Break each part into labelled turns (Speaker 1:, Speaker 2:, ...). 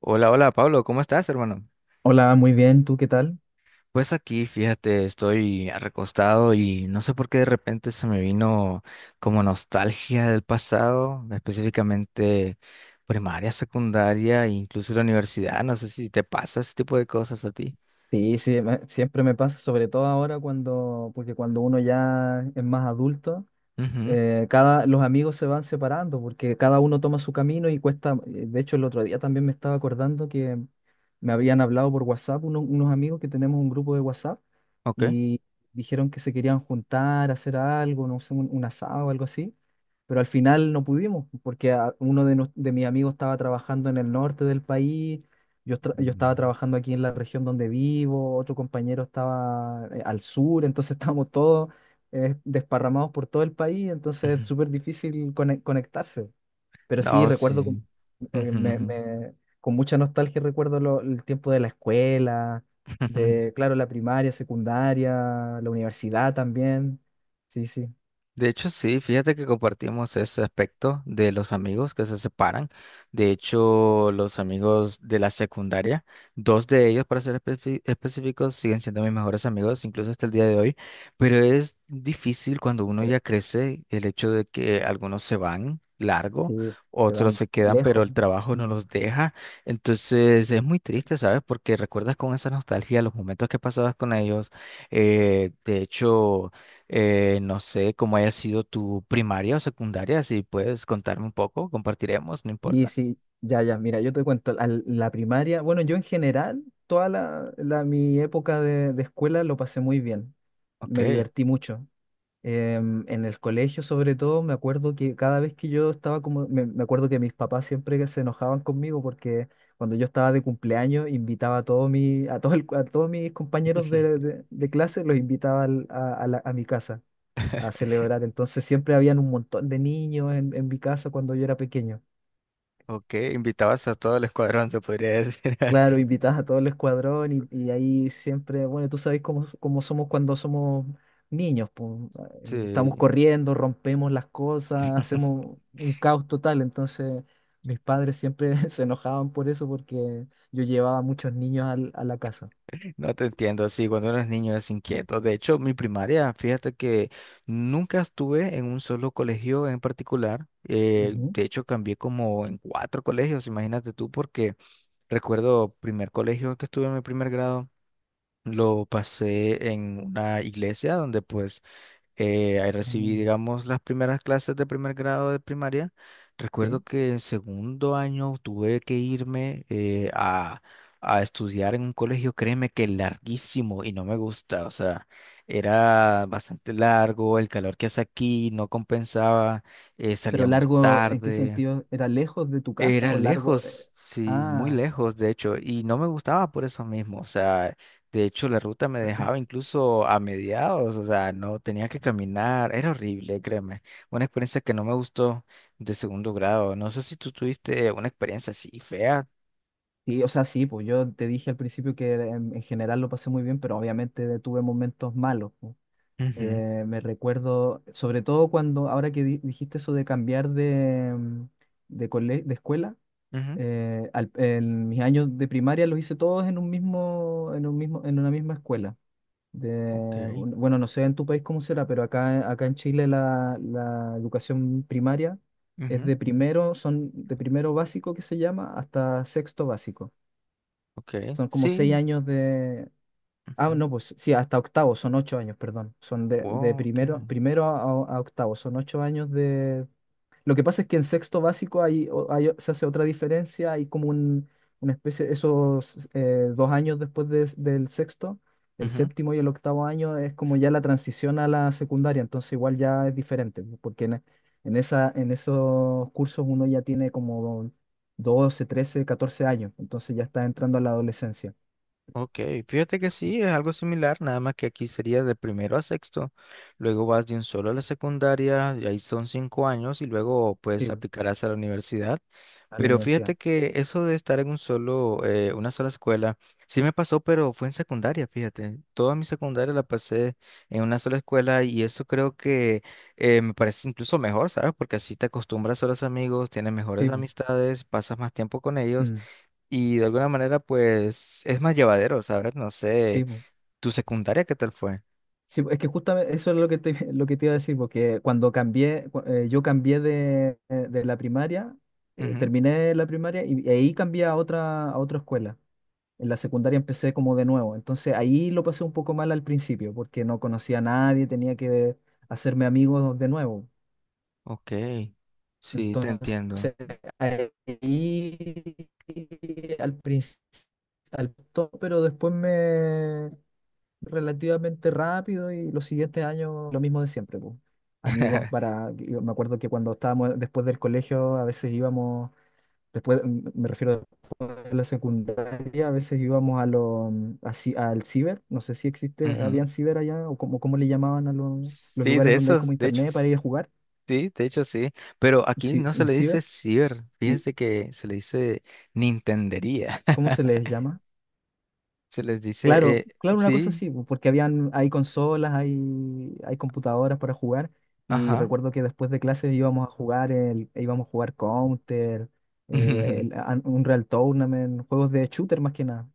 Speaker 1: Hola, hola Pablo, ¿cómo estás, hermano?
Speaker 2: Hola, muy bien, ¿tú qué tal?
Speaker 1: Pues aquí, fíjate, estoy recostado y no sé por qué de repente se me vino como nostalgia del pasado, específicamente primaria, secundaria e incluso la universidad. No sé si te pasa ese tipo de cosas a ti.
Speaker 2: Sí, sí, siempre me pasa, sobre todo ahora cuando, porque cuando uno ya es más adulto,
Speaker 1: Ujú,
Speaker 2: los amigos se van separando porque cada uno toma su camino y cuesta. De hecho el otro día también me estaba acordando que me habían hablado por WhatsApp unos amigos que tenemos un grupo de WhatsApp
Speaker 1: ok.
Speaker 2: y dijeron que se querían juntar, hacer algo, no sé, un asado o algo así, pero al final no pudimos porque de mis amigos estaba trabajando en el norte del país. Yo estaba
Speaker 1: Mm,
Speaker 2: trabajando aquí en la región donde vivo, otro compañero estaba al sur, entonces estábamos todos desparramados por todo el país, entonces
Speaker 1: ujú.
Speaker 2: es súper difícil conectarse. Pero sí
Speaker 1: No,
Speaker 2: recuerdo
Speaker 1: sí.
Speaker 2: eh,
Speaker 1: Ujú,
Speaker 2: me-
Speaker 1: ujú.
Speaker 2: me- con mucha nostalgia recuerdo el tiempo de la escuela, de, claro, la primaria, secundaria, la universidad también. Sí, sí,
Speaker 1: De hecho, sí, fíjate que compartimos ese aspecto de los amigos que se separan. De hecho, los amigos de la secundaria, dos de ellos, para ser específicos, siguen siendo mis mejores amigos, incluso hasta el día de hoy. Pero es difícil cuando uno
Speaker 2: eh,
Speaker 1: ya crece el hecho de que algunos se van largo,
Speaker 2: sí, se
Speaker 1: otros
Speaker 2: van
Speaker 1: se quedan, pero
Speaker 2: lejos.
Speaker 1: el trabajo no
Speaker 2: Mm.
Speaker 1: los deja. Entonces, es muy triste, ¿sabes? Porque recuerdas con esa nostalgia los momentos que pasabas con ellos. Eh, de hecho... no sé cómo haya sido tu primaria o secundaria, si puedes contarme un poco, compartiremos, no
Speaker 2: Y
Speaker 1: importa.
Speaker 2: sí, ya, ya, mira, yo te cuento, la primaria, bueno, yo en general, toda mi época de escuela lo pasé muy bien, me
Speaker 1: Ok,
Speaker 2: divertí mucho. En el colegio, sobre todo, me acuerdo que cada vez que yo estaba me acuerdo que mis papás siempre que se enojaban conmigo porque cuando yo estaba de cumpleaños invitaba a todos mi a todo el- a todos mis compañeros de clase, los invitaba a mi casa a celebrar. Entonces siempre habían un montón de niños en mi casa cuando yo era pequeño.
Speaker 1: ok, invitabas a todo el escuadrón, se podría decir.
Speaker 2: Claro, invitas a todo el escuadrón, y ahí siempre, bueno, tú sabes cómo, cómo somos cuando somos niños, po. Estamos
Speaker 1: Sí,
Speaker 2: corriendo, rompemos las cosas, hacemos un caos total. Entonces, mis padres siempre se enojaban por eso porque yo llevaba muchos niños a la casa.
Speaker 1: no te entiendo, sí, cuando eres niño es inquieto. De hecho, mi primaria, fíjate que nunca estuve en un solo colegio en particular.
Speaker 2: Ujú.
Speaker 1: De hecho, cambié como en cuatro colegios, imagínate tú, porque recuerdo primer colegio que estuve en mi primer grado. Lo pasé en una iglesia donde pues ahí recibí,
Speaker 2: Ah.
Speaker 1: digamos, las primeras clases de primer grado de primaria. Recuerdo
Speaker 2: Sí.
Speaker 1: que en segundo año tuve que irme a estudiar en un colegio, créeme que larguísimo y no me gusta, o sea, era bastante largo, el calor que hace aquí no compensaba,
Speaker 2: Pero
Speaker 1: salíamos
Speaker 2: largo, ¿en qué
Speaker 1: tarde.
Speaker 2: sentido? ¿Era lejos de tu casa
Speaker 1: Era
Speaker 2: o largo? ¿Eh?
Speaker 1: lejos, sí, muy
Speaker 2: Ah,
Speaker 1: lejos, de hecho, y no me gustaba por eso mismo, o sea, de hecho la ruta me dejaba incluso a mediados, o sea, no tenía que caminar, era horrible, créeme, una experiencia que no me gustó de segundo grado, no sé si tú tuviste una experiencia así fea.
Speaker 2: sí, o sea, sí, pues yo te dije al principio que en general lo pasé muy bien, pero obviamente tuve momentos malos.
Speaker 1: Ujú,
Speaker 2: Me recuerdo, sobre todo cuando, ahora que dijiste eso de cambiar de, mm, de, cole- de escuela,
Speaker 1: ujú,
Speaker 2: en mis años de primaria los hice todos en un mismo, en un mismo, en una misma escuela. De,
Speaker 1: ok,
Speaker 2: bueno, no sé en tu país cómo será, pero acá en Chile la educación primaria es
Speaker 1: ujú,
Speaker 2: de primero, son de primero básico que se llama, hasta sexto básico.
Speaker 1: ok,
Speaker 2: Son como seis
Speaker 1: sí,
Speaker 2: años Ah,
Speaker 1: ujú,
Speaker 2: no, pues sí, hasta octavo, son ocho años, perdón. Son de
Speaker 1: wow, ok,
Speaker 2: primero, a octavo, son ocho años de... Lo que pasa es que en sexto básico hay, se hace otra diferencia, hay como una especie. Esos dos años después del sexto, el
Speaker 1: ujú.
Speaker 2: séptimo y el octavo año es como ya la transición a la secundaria, entonces igual ya es diferente, pues, porque en esos cursos uno ya tiene como 12, 13, 14 años, entonces ya está entrando a la adolescencia,
Speaker 1: Ok, fíjate que sí, es algo similar, nada más que aquí sería de primero a sexto, luego vas de un solo a la secundaria, y ahí son cinco años, y luego pues
Speaker 2: sí,
Speaker 1: aplicarás a la universidad.
Speaker 2: a la
Speaker 1: Pero
Speaker 2: universidad.
Speaker 1: fíjate que eso de estar en un solo, una sola escuela, sí me pasó, pero fue en secundaria, fíjate. Toda mi secundaria la pasé en una sola escuela y eso creo que me parece incluso mejor, ¿sabes? Porque así te acostumbras a los amigos, tienes mejores
Speaker 2: Sí, pues.
Speaker 1: amistades, pasas más tiempo con ellos.
Speaker 2: Mm,
Speaker 1: Y de alguna manera, pues, es más llevadero, ¿sabes? No sé,
Speaker 2: sí, po.
Speaker 1: ¿tu secundaria qué tal fue?
Speaker 2: Sí, po, es que justamente eso es lo que te, lo que te iba a decir, porque cuando yo cambié de la primaria,
Speaker 1: Ujú,
Speaker 2: terminé la primaria y ahí cambié a otra escuela. En la secundaria empecé como de nuevo, entonces ahí lo pasé un poco mal al principio, porque no conocía a nadie, tenía que hacerme amigos de nuevo.
Speaker 1: ok, sí, te
Speaker 2: Entonces,
Speaker 1: entiendo.
Speaker 2: ahí al principio, pero después me relativamente rápido y los siguientes años lo mismo de siempre, pues. Amigos para, yo me acuerdo que cuando estábamos después del colegio, a veces íbamos, después, me refiero después de la secundaria, a veces íbamos así, al ciber. No sé si existe,
Speaker 1: Ujú.
Speaker 2: habían ciber allá, o como, cómo le llamaban a los
Speaker 1: Sí,
Speaker 2: lugares
Speaker 1: de
Speaker 2: donde hay como
Speaker 1: esos, de hecho,
Speaker 2: internet para ir a jugar,
Speaker 1: sí, de hecho sí, pero aquí no se
Speaker 2: un
Speaker 1: le
Speaker 2: ciber.
Speaker 1: dice ciber,
Speaker 2: ¿Y
Speaker 1: fíjense que se le dice nintendería,
Speaker 2: cómo se les llama?
Speaker 1: se les dice,
Speaker 2: Claro, claro, una cosa
Speaker 1: sí,
Speaker 2: así, po, porque habían, hay consolas, hay computadoras para jugar, y
Speaker 1: ajá.
Speaker 2: recuerdo que después de clases íbamos a jugar e íbamos a jugar Counter, Unreal Tournament, juegos de shooter más que nada.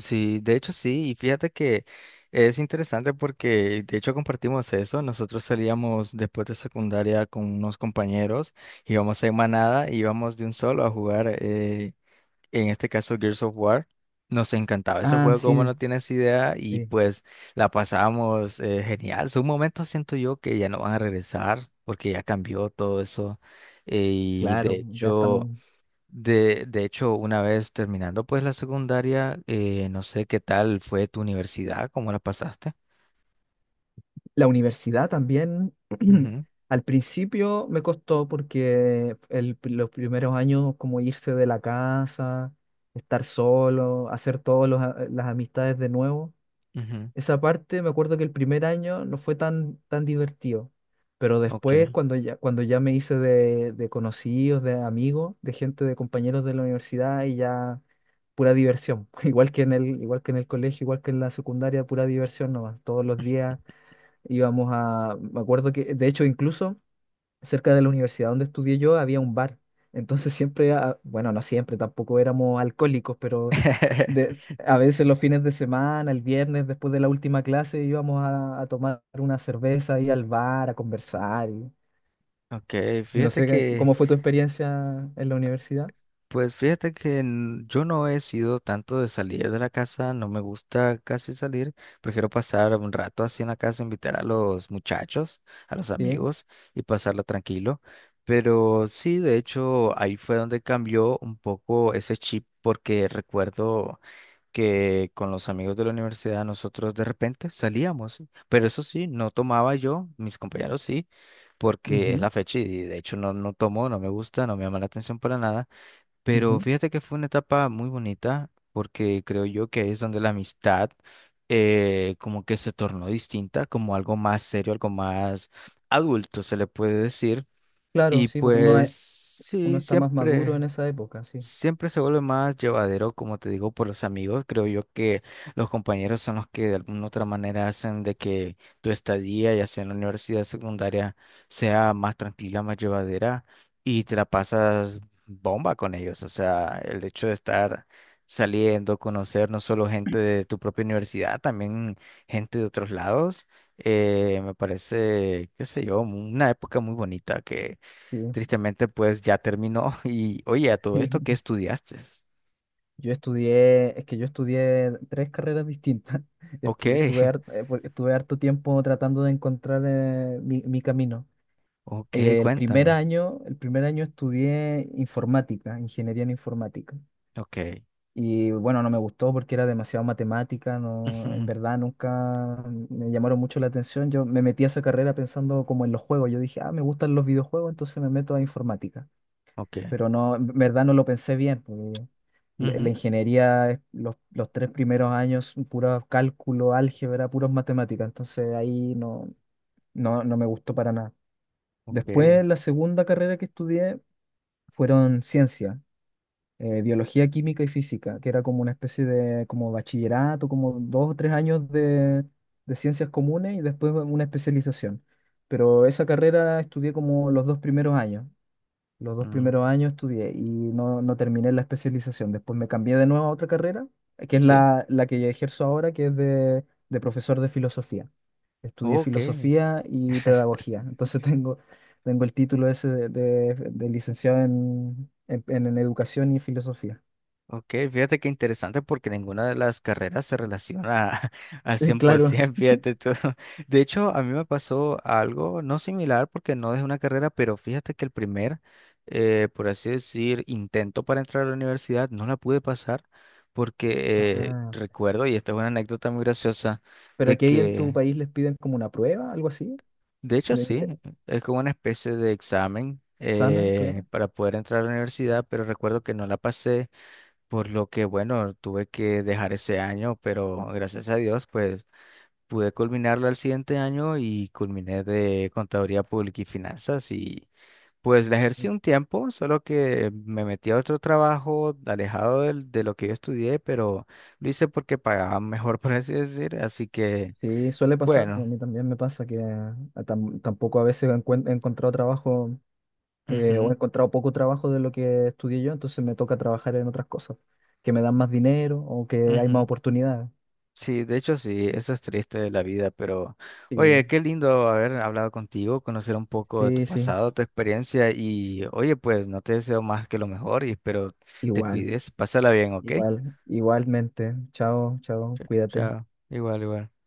Speaker 1: Sí, de hecho sí, y fíjate que es interesante porque de hecho compartimos eso, nosotros salíamos después de secundaria con unos compañeros, íbamos en manada, íbamos de un solo a jugar, en este caso Gears of War, nos encantaba ese
Speaker 2: Ah,
Speaker 1: juego, como
Speaker 2: sí,
Speaker 1: no tienes idea, y
Speaker 2: sí,
Speaker 1: pues la pasábamos genial, son momentos siento yo que ya no van a regresar porque ya cambió todo eso, eh, y de
Speaker 2: claro, ya
Speaker 1: hecho...
Speaker 2: estamos.
Speaker 1: de hecho, una vez terminando pues la secundaria, no sé qué tal fue tu universidad, cómo la pasaste.
Speaker 2: La universidad también.
Speaker 1: Ujú,
Speaker 2: Al principio me costó porque los primeros años como irse de la casa, estar solo, hacer todas las amistades de nuevo.
Speaker 1: ujú,
Speaker 2: Esa parte, me acuerdo que el primer año no fue tan divertido, pero
Speaker 1: ok.
Speaker 2: después cuando ya me hice de conocidos, de amigos, de gente, de compañeros de la universidad y ya pura diversión, igual que en el, igual que en el colegio, igual que en la secundaria, pura diversión nomás. Todos los días íbamos a, me acuerdo que, de hecho incluso cerca de la universidad donde estudié yo había un bar. Entonces siempre, ah, bueno, no siempre, tampoco éramos alcohólicos, pero de, a veces los fines de semana, el viernes, después de la última clase, íbamos a tomar una cerveza, ir al bar, a conversar.
Speaker 1: Ok,
Speaker 2: No
Speaker 1: fíjate
Speaker 2: sé
Speaker 1: que,
Speaker 2: cómo fue tu experiencia en la universidad.
Speaker 1: pues fíjate que yo no he sido tanto de salir de la casa, no me gusta casi salir, prefiero pasar un rato así en la casa, invitar a los muchachos, a los
Speaker 2: Sí.
Speaker 1: amigos y pasarlo tranquilo. Pero sí, de hecho, ahí fue donde cambió un poco ese chip porque recuerdo que con los amigos de la universidad nosotros de repente salíamos, pero eso sí, no tomaba yo, mis compañeros sí, porque es
Speaker 2: Ujú,
Speaker 1: la fecha y de hecho no, no tomo, no me gusta, no me llama la atención para nada, pero
Speaker 2: ujú.
Speaker 1: fíjate que fue una etapa muy bonita porque creo yo que es donde la amistad como que se tornó distinta, como algo más serio, algo más adulto se le puede decir
Speaker 2: Claro,
Speaker 1: y
Speaker 2: sí, pues uno,
Speaker 1: pues
Speaker 2: es- uno
Speaker 1: sí,
Speaker 2: está más maduro
Speaker 1: siempre.
Speaker 2: en esa época, sí.
Speaker 1: Siempre se vuelve más llevadero, como te digo, por los amigos. Creo yo que los compañeros son los que de alguna otra manera hacen de que tu estadía, ya sea en la universidad secundaria, sea más tranquila, más llevadera y te la pasas bomba con ellos. O sea, el hecho de estar saliendo, conocer no solo gente de tu propia universidad, también gente de otros lados, me parece, qué sé yo, una época muy bonita.
Speaker 2: Sí.
Speaker 1: Tristemente, pues ya terminó. Y oye, a todo esto, ¿qué estudiaste?
Speaker 2: Yo estudié, es que yo estudié tres carreras distintas.
Speaker 1: Ok,
Speaker 2: Estu- Estuve, har- eh, por- estuve harto tiempo tratando de encontrar, mi camino.
Speaker 1: ok,
Speaker 2: El primer
Speaker 1: cuéntame.
Speaker 2: año, estudié informática, ingeniería en informática.
Speaker 1: Ok.
Speaker 2: Y bueno, no me gustó porque era demasiado matemática, no, en
Speaker 1: Ujú,
Speaker 2: verdad nunca me llamaron mucho la atención. Yo me metí a esa carrera pensando como en los juegos. Yo dije, ah, me gustan los videojuegos, entonces me meto a informática,
Speaker 1: ok.
Speaker 2: pero no, en verdad no lo pensé bien, porque la
Speaker 1: Ujú,
Speaker 2: ingeniería, es los 3 primeros años, puro cálculo, álgebra, puros matemáticas, entonces ahí no me gustó para nada. Después,
Speaker 1: ok.
Speaker 2: la segunda carrera que estudié fueron ciencia, biología, química y física, que era como una especie de como bachillerato, como 2 o 3 años de ciencias comunes y después una especialización. Pero esa carrera estudié como los 2 primeros años. Los dos
Speaker 1: Mm,
Speaker 2: primeros años estudié y no, no terminé la especialización. Después me cambié de nuevo a otra carrera, que es
Speaker 1: sí.
Speaker 2: la, la que ejerzo ahora, que es de profesor de filosofía. Estudié
Speaker 1: Ok.
Speaker 2: filosofía y pedagogía. Entonces tengo el título ese de licenciado en educación y filosofía.
Speaker 1: Ok, fíjate qué interesante porque ninguna de las carreras se relaciona al
Speaker 2: Claro.
Speaker 1: 100%, fíjate tú. De hecho, a mí me pasó algo no similar porque no es una carrera, pero fíjate que el primer, por así decir, intento para entrar a la universidad no la pude pasar porque
Speaker 2: Ah.
Speaker 1: recuerdo, y esta es una anécdota muy graciosa,
Speaker 2: Pero
Speaker 1: de
Speaker 2: aquí ahí en tu
Speaker 1: que,
Speaker 2: país les piden como una prueba, algo así,
Speaker 1: de hecho
Speaker 2: de
Speaker 1: sí, es como una especie de examen
Speaker 2: examen, claro.
Speaker 1: para poder entrar a la universidad, pero recuerdo que no la pasé. Por lo que, bueno, tuve que dejar ese año, pero gracias a Dios, pues pude culminarlo al siguiente año y culminé de Contaduría Pública y Finanzas y pues la ejercí un tiempo, solo que me metí a otro trabajo alejado de lo que yo estudié, pero lo hice porque pagaban mejor, por así decir, así que,
Speaker 2: Sí, suele pasar, a
Speaker 1: bueno.
Speaker 2: mí también me pasa que tampoco a veces he encontrado trabajo, o
Speaker 1: Ujú,
Speaker 2: he encontrado poco trabajo de lo que estudié yo, entonces me toca trabajar en otras cosas que me dan más dinero o que hay más
Speaker 1: ujú.
Speaker 2: oportunidades.
Speaker 1: Sí, de hecho sí, eso es triste de la vida, pero
Speaker 2: Sí,
Speaker 1: oye, qué lindo haber hablado contigo, conocer un poco de tu
Speaker 2: sí, sí,
Speaker 1: pasado, tu experiencia y oye, pues no te deseo más que lo mejor y espero te
Speaker 2: igual,
Speaker 1: cuides, pásala bien, ¿ok?
Speaker 2: igual, igualmente. Chao, chao, cuídate.
Speaker 1: Chao, igual, igual.